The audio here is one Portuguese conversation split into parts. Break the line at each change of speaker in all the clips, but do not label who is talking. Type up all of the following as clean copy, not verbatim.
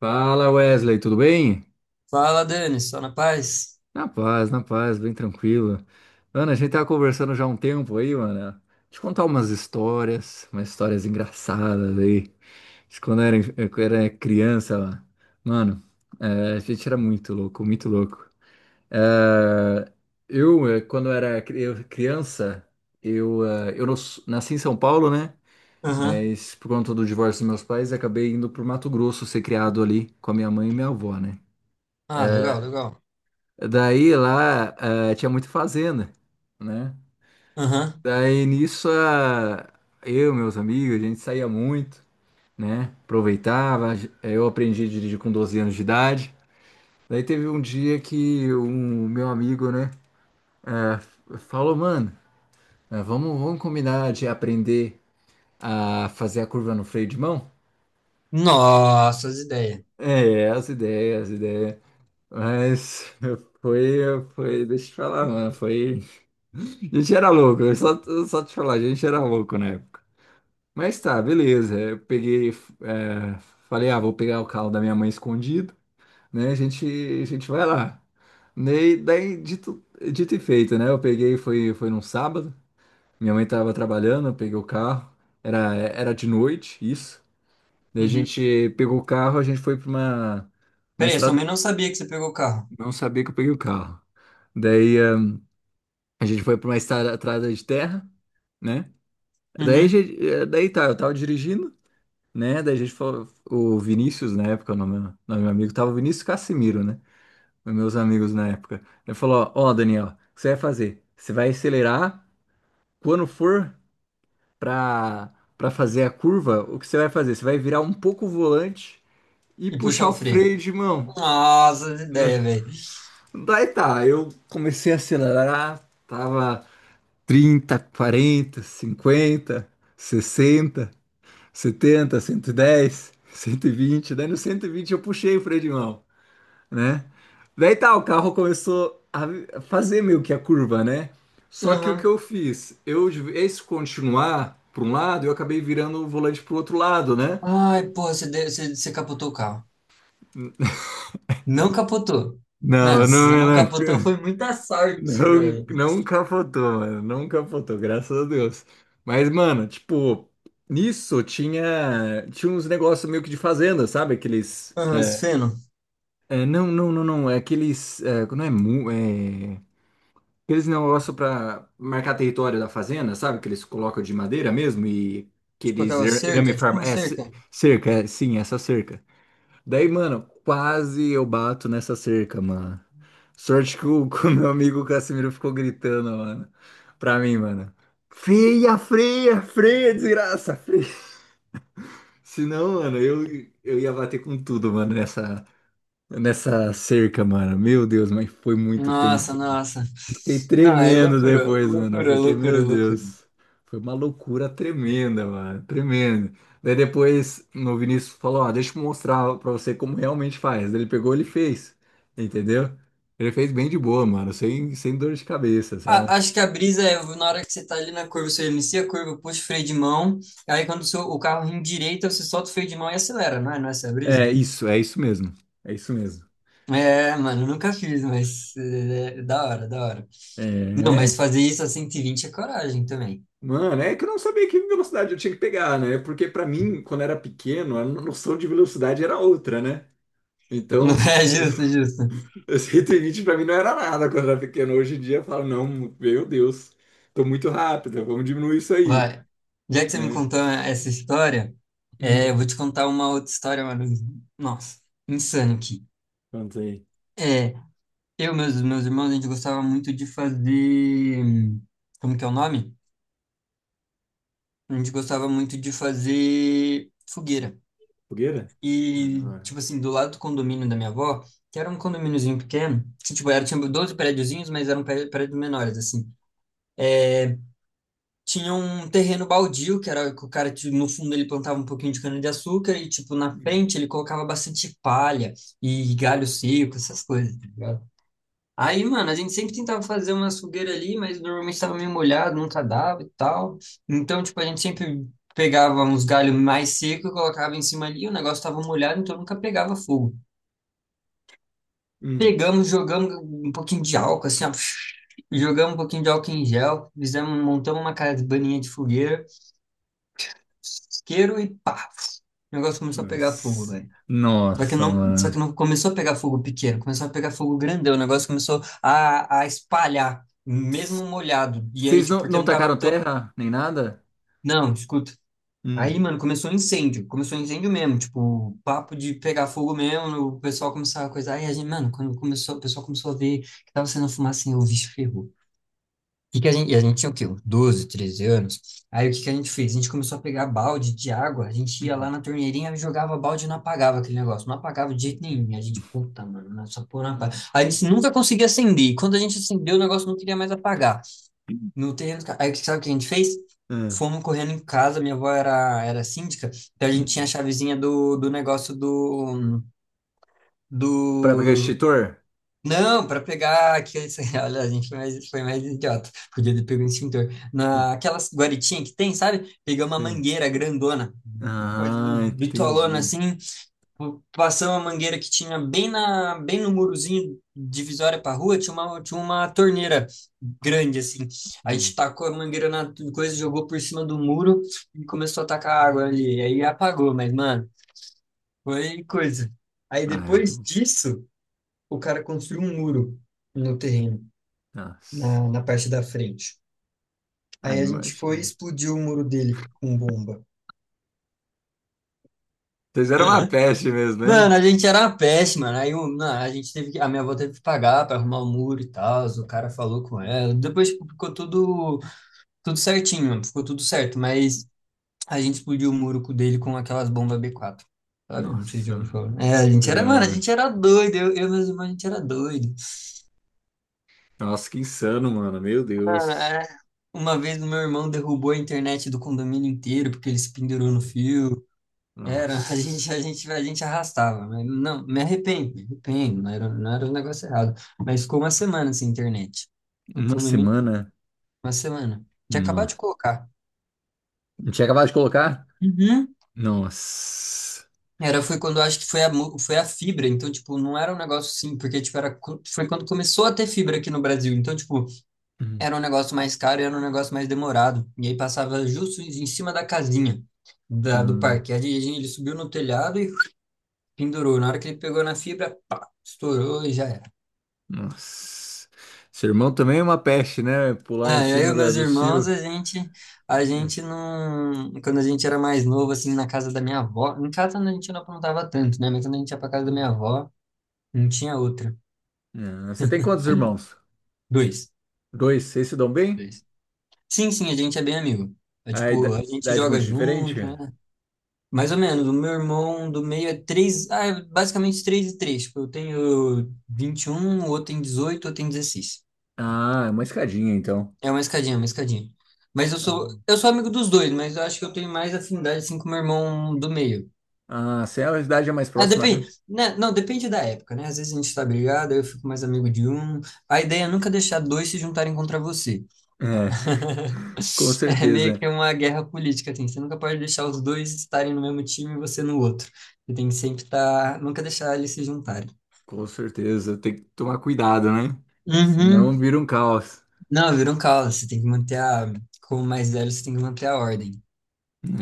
Fala Wesley, tudo bem?
Fala, Dani, só na paz?
Na paz, bem tranquilo. Mano, a gente tava conversando já há um tempo aí, mano. Te contar umas histórias engraçadas aí. De quando eu era criança, mano. Mano, é, a gente era muito louco, muito louco. É, quando era criança, eu nasci em São Paulo, né?
Aham.
Mas por conta do divórcio dos meus pais, acabei indo pro Mato Grosso ser criado ali com a minha mãe e minha avó, né?
Ah, legal, legal.
Daí lá tinha muito fazenda, né?
Aham.
Daí nisso meus amigos, a gente saía muito, né? Aproveitava. Eu aprendi a dirigir com 12 anos de idade. Daí teve um dia que um meu amigo, né, falou, mano, vamos combinar de aprender a fazer a curva no freio de mão?
Nossa, as ideias.
É, as ideias, as ideias. Mas foi, deixa eu te falar, mano, foi. A gente era louco, eu só te falar, a gente era louco na época. Mas tá, beleza. Eu peguei, é, falei, ah, vou pegar o carro da minha mãe escondido, né? A gente vai lá. Daí, daí dito, dito e feito, né? Eu peguei, foi num sábado, minha mãe tava trabalhando, eu peguei o carro, era de noite, isso. Daí a
Uhum.
gente pegou o carro, a gente foi pra uma
Peraí, eu
estrada.
também não sabia que você pegou o carro.
Não sabia que eu peguei o carro. Daí a gente foi pra uma estrada de terra, né? Daí,
Uhum.
daí tá, eu tava dirigindo, né? Daí a gente falou, o Vinícius, na época, o nome do meu amigo, tava o Vinícius Cassimiro, né? Os meus amigos na época. Ele falou: Ó, ó, Daniel, o que você vai fazer? Você vai acelerar quando for pra, pra fazer a curva, o que você vai fazer? Você vai virar um pouco o volante e
E
puxar
puxar o
o
freio.
freio de mão,
Nossa, as
né?
ideias, velho.
Daí tá, eu comecei a acelerar, tava 30, 40, 50, 60, 70, 110, 120. Daí no 120 eu puxei o freio de mão, né? Daí tá, o carro começou a fazer meio que a curva, né? Só que o que
Aham.
eu fiz? De vez continuar para um lado, eu acabei virando o volante pro outro lado, né?
Ai, porra, você capotou o carro. Não capotou. Mano,
Não,
se você
não,
não
não,
capotou, foi muita sorte,
não,
velho.
não capotou, mano. Não capotou, graças a Deus. Mas, mano, tipo, nisso tinha uns negócios meio que de fazenda, sabe? Aqueles.
Ah, mas feno.
É, não, não, não, não. É aqueles. É, não é, é. Aqueles negócio para marcar território da fazenda, sabe? Que eles colocam de madeira mesmo e
Tipo
aqueles
aquela
irame
cerca, tipo
farm.
uma
É, ce-
cerca.
cerca, é, sim, essa cerca. Daí, mano, quase eu bato nessa cerca, mano. Sorte que o meu amigo Casimiro ficou gritando, mano. Pra mim, mano. Freia, freia, freia, desgraça, freia. Senão, mano, eu ia bater com tudo, mano, nessa cerca, mano. Meu Deus, mas foi muito
Nossa,
tenso.
nossa.
Fiquei
Não, é
tremendo
loucura,
depois, mano,
loucura,
porque, meu
loucura, loucura.
Deus, foi uma loucura tremenda, mano, tremendo. Daí depois, no Vinícius falou, ó, deixa eu mostrar pra você como realmente faz. Daí ele pegou, ele fez, entendeu? Ele fez bem de boa, mano, sem dor de cabeça, sabe?
Acho que a brisa é na hora que você tá ali na curva, você inicia a curva, puxa o freio de mão, aí quando o carro endireita, você solta o freio de mão e acelera, não é? Não é essa a brisa?
É isso mesmo, é isso mesmo.
É, mano, eu nunca fiz, mas é da hora, da hora. Não, mas
É,
fazer isso a 120 é coragem também.
mano, é que eu não sabia que velocidade eu tinha que pegar, né? Porque pra mim, quando era pequeno, a noção de velocidade era outra, né? Então,
Não
os-
é justo, justo.
os 120 para mim não era nada quando era pequeno. Hoje em dia eu falo, não, meu Deus, tô muito rápido, vamos diminuir isso aí,
Vai. Já que você me
né?
contou essa história, eu
Hum.
vou te contar uma outra história, mano. Nossa, insano aqui.
Quanto aí?
É, eu e meus irmãos, a gente gostava muito de fazer. Como que é o nome? A gente gostava muito de fazer fogueira.
Fogueira? Ah,
E,
não.
tipo assim, do lado do condomínio da minha avó, que era um condomíniozinho pequeno, que, tipo, tinha 12 prédiozinhos, mas eram prédios menores, assim. Tinha um terreno baldio, que era que o cara, tipo, no fundo, ele plantava um pouquinho de cana-de-açúcar e, tipo, na
Hum.
frente ele colocava bastante palha e galho seco, essas coisas, tá ligado? Aí, mano, a gente sempre tentava fazer uma fogueira ali, mas normalmente estava meio molhado, nunca dava e tal. Então, tipo, a gente sempre pegava uns galhos mais secos, colocava em cima ali, o negócio estava molhado, então nunca pegava fogo.
Hum.
Pegamos, jogamos um pouquinho de álcool, assim, ó, jogamos um pouquinho de álcool em gel, fizemos, montamos uma cabaninha de fogueira, isqueiro e pá, o negócio começou a pegar fogo,
Nossa.
velho.
Nossa,
Só que
mano.
não começou a pegar fogo pequeno, começou a pegar fogo grandão. O negócio começou a espalhar, mesmo molhado. E aí,
Vocês
tipo,
não,
porque
não
não tava
tacaram
tão.
terra nem nada?
Não, escuta. Aí,
Hum.
mano, começou um incêndio. Começou um incêndio mesmo. Tipo, papo de pegar fogo mesmo. O pessoal começou a coisa. Aí a gente, mano, quando começou, o pessoal começou a ver que tava sendo fumaça, assim, o bicho ferrou que a gente, e a gente tinha o quê? Uns 12, 13 anos. Aí o que que a gente fez? A gente começou a pegar balde de água, a gente ia lá
Hum.
na torneirinha, jogava balde e não apagava aquele negócio. Não apagava de jeito nenhum. E a gente, puta, mano, não, essa porra não apaga. A gente nunca conseguia acender. E quando a gente acendeu, o negócio não queria mais apagar. No terreno, sabe o que a gente fez?
Ah.
Fomos correndo em casa, minha avó era síndica, então a gente tinha a
Hum.
chavezinha do negócio
Pra pegar
do,
extintor?
não, para pegar aqueles. Olha, a gente foi mais idiota. Podia ter pego um extintor. Naquelas guaritinhas que tem, sabe? Pegamos uma
Sim.
mangueira grandona, coisa
Ah,
bitolona
entendi.
assim. Passamos a mangueira que tinha bem, na, bem no murozinho divisória para rua, tinha uma torneira grande assim. A gente
Hum.
tacou a mangueira na coisa, jogou por cima do muro e começou a tacar água ali. Aí apagou, mas, mano, foi coisa. Aí
Ai,
depois disso, o cara construiu um muro no terreno
nossa.
na parte da frente.
Ai,
Aí a gente foi e
imagina.
explodiu o muro dele com bomba.
Vocês eram uma peste mesmo,
Mano,
hein?
a gente era uma peste, mano. Não, a minha avó teve que pagar pra arrumar o muro e tal. O cara falou com ela. Depois tipo, ficou tudo certinho, mano. Ficou tudo certo, mas a gente explodiu o muro dele com aquelas bombas B4. Sabe? Não sei se
Nossa,
eu falo. É, a gente era, mano, a
já-
gente era doido. Eu e meus irmãos, a gente era doido.
nossa, que insano, mano. Meu
Mano,
Deus.
é. Uma vez o meu irmão derrubou a internet do condomínio inteiro porque ele se pendurou no fio. Era, a gente, a
Nossa.
gente, a gente arrastava, mas não, me arrependo, não era um negócio errado. Mas ficou uma semana sem internet. No
Uma
condomínio,
semana?
uma semana. Tinha
Não.
acabado de colocar.
Não tinha acabado de colocar?
Uhum.
Nossa.
Era, foi quando eu acho que foi a fibra, então, tipo, não era um negócio assim, porque, tipo, foi quando começou a ter fibra aqui no Brasil. Então, tipo, era um negócio mais caro e era um negócio mais demorado. E aí passava justo em cima da casinha do
Hum.
parque. Ele subiu no telhado e pendurou. Na hora que ele pegou na fibra, pá, estourou e já era.
Nossa. Seu irmão também é uma peste, né? Pular em
Ah, eu e
cima
meus
do cio.
irmãos, a gente não, quando a gente era mais novo, assim, na casa da minha avó, em casa a gente não aprontava tanto, né? Mas quando a gente ia pra casa da minha
Hum.
avó, não tinha outra.
Ah, você tem quantos irmãos?
Dois,
Dois. Vocês se dão bem?
dois. Sim, sim, a gente é bem amigo. É
A
tipo,
ida-
a gente
idade muito
joga
diferente?
junto, né? Mais ou menos, o meu irmão do meio é basicamente três e três. Tipo, eu tenho 21, o outro tem 18, o outro tem 16.
Ah, é uma escadinha, então.
É uma escadinha, uma escadinha. Mas eu sou amigo dos dois, mas eu acho que eu tenho mais afinidade, assim, com o meu irmão do meio.
Ah, assim a idade é mais
Ah,
próxima, né?
depende, né, não, depende da época, né? Às vezes a gente tá brigado, aí eu fico mais amigo de um. A ideia é nunca deixar dois se juntarem contra você.
É, com
É meio
certeza.
que uma guerra política, assim. Você nunca pode deixar os dois estarem no mesmo time e você no outro. Você tem que sempre estar, nunca deixar eles se juntarem.
Com certeza, tem que tomar cuidado, né?
Uhum.
Senão vira um caos.
Não, virou um caos. Você tem que manter a, como mais velho, você tem que manter a ordem.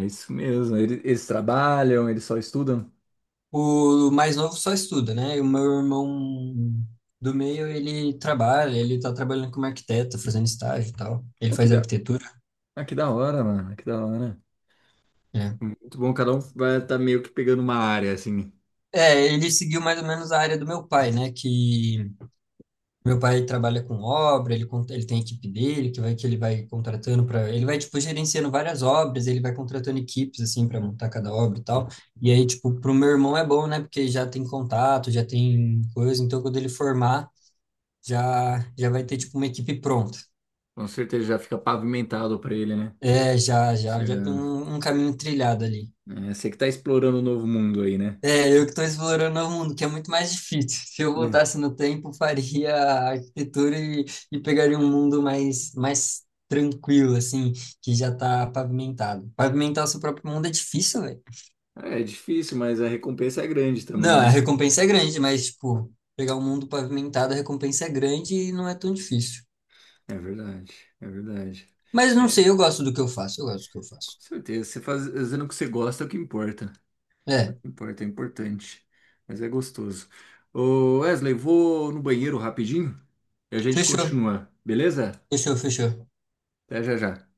É isso mesmo. Eles trabalham, eles só estudam?
O mais novo só estuda, né? E o meu irmão do meio, ele trabalha, ele tá trabalhando como arquiteto, fazendo estágio e tal. Ele
Pô,
faz arquitetura.
que da hora, mano. Que da hora.
É.
Muito bom, cada um vai estar meio que pegando uma área, assim.
É, ele seguiu mais ou menos a área do meu pai, né? Que meu pai trabalha com obra, ele tem a equipe dele, que vai que ele vai contratando para, ele vai tipo gerenciando várias obras, ele vai contratando equipes assim para montar cada obra e tal. E aí tipo pro meu irmão é bom, né? Porque já tem contato, já tem coisa, então quando ele formar, já já vai ter tipo uma equipe pronta.
Com certeza já fica pavimentado pra ele, né?
É, já
Você,
já
é,
já tem um caminho trilhado ali.
você que tá explorando o novo mundo aí, né?
É, eu que estou explorando o mundo, que é muito mais difícil. Se eu
Né.
voltasse no tempo, faria a arquitetura e pegaria um mundo mais, mais tranquilo, assim, que já está pavimentado. Pavimentar o seu próprio mundo é difícil, velho.
É, é difícil, mas a recompensa é grande também,
Não, a
né?
recompensa é grande, mas, tipo, pegar um mundo pavimentado, a recompensa é grande e não é tão difícil.
É verdade, é verdade.
Mas não
É,
sei, eu gosto do que eu faço, eu gosto do que eu
com
faço.
certeza. Você fazendo o que você gosta é o que importa.
É,
É importante, mas é gostoso. Ô Wesley, vou no banheiro rapidinho e a gente
fechou,
continua, beleza?
fechou, fechou.
Até já já.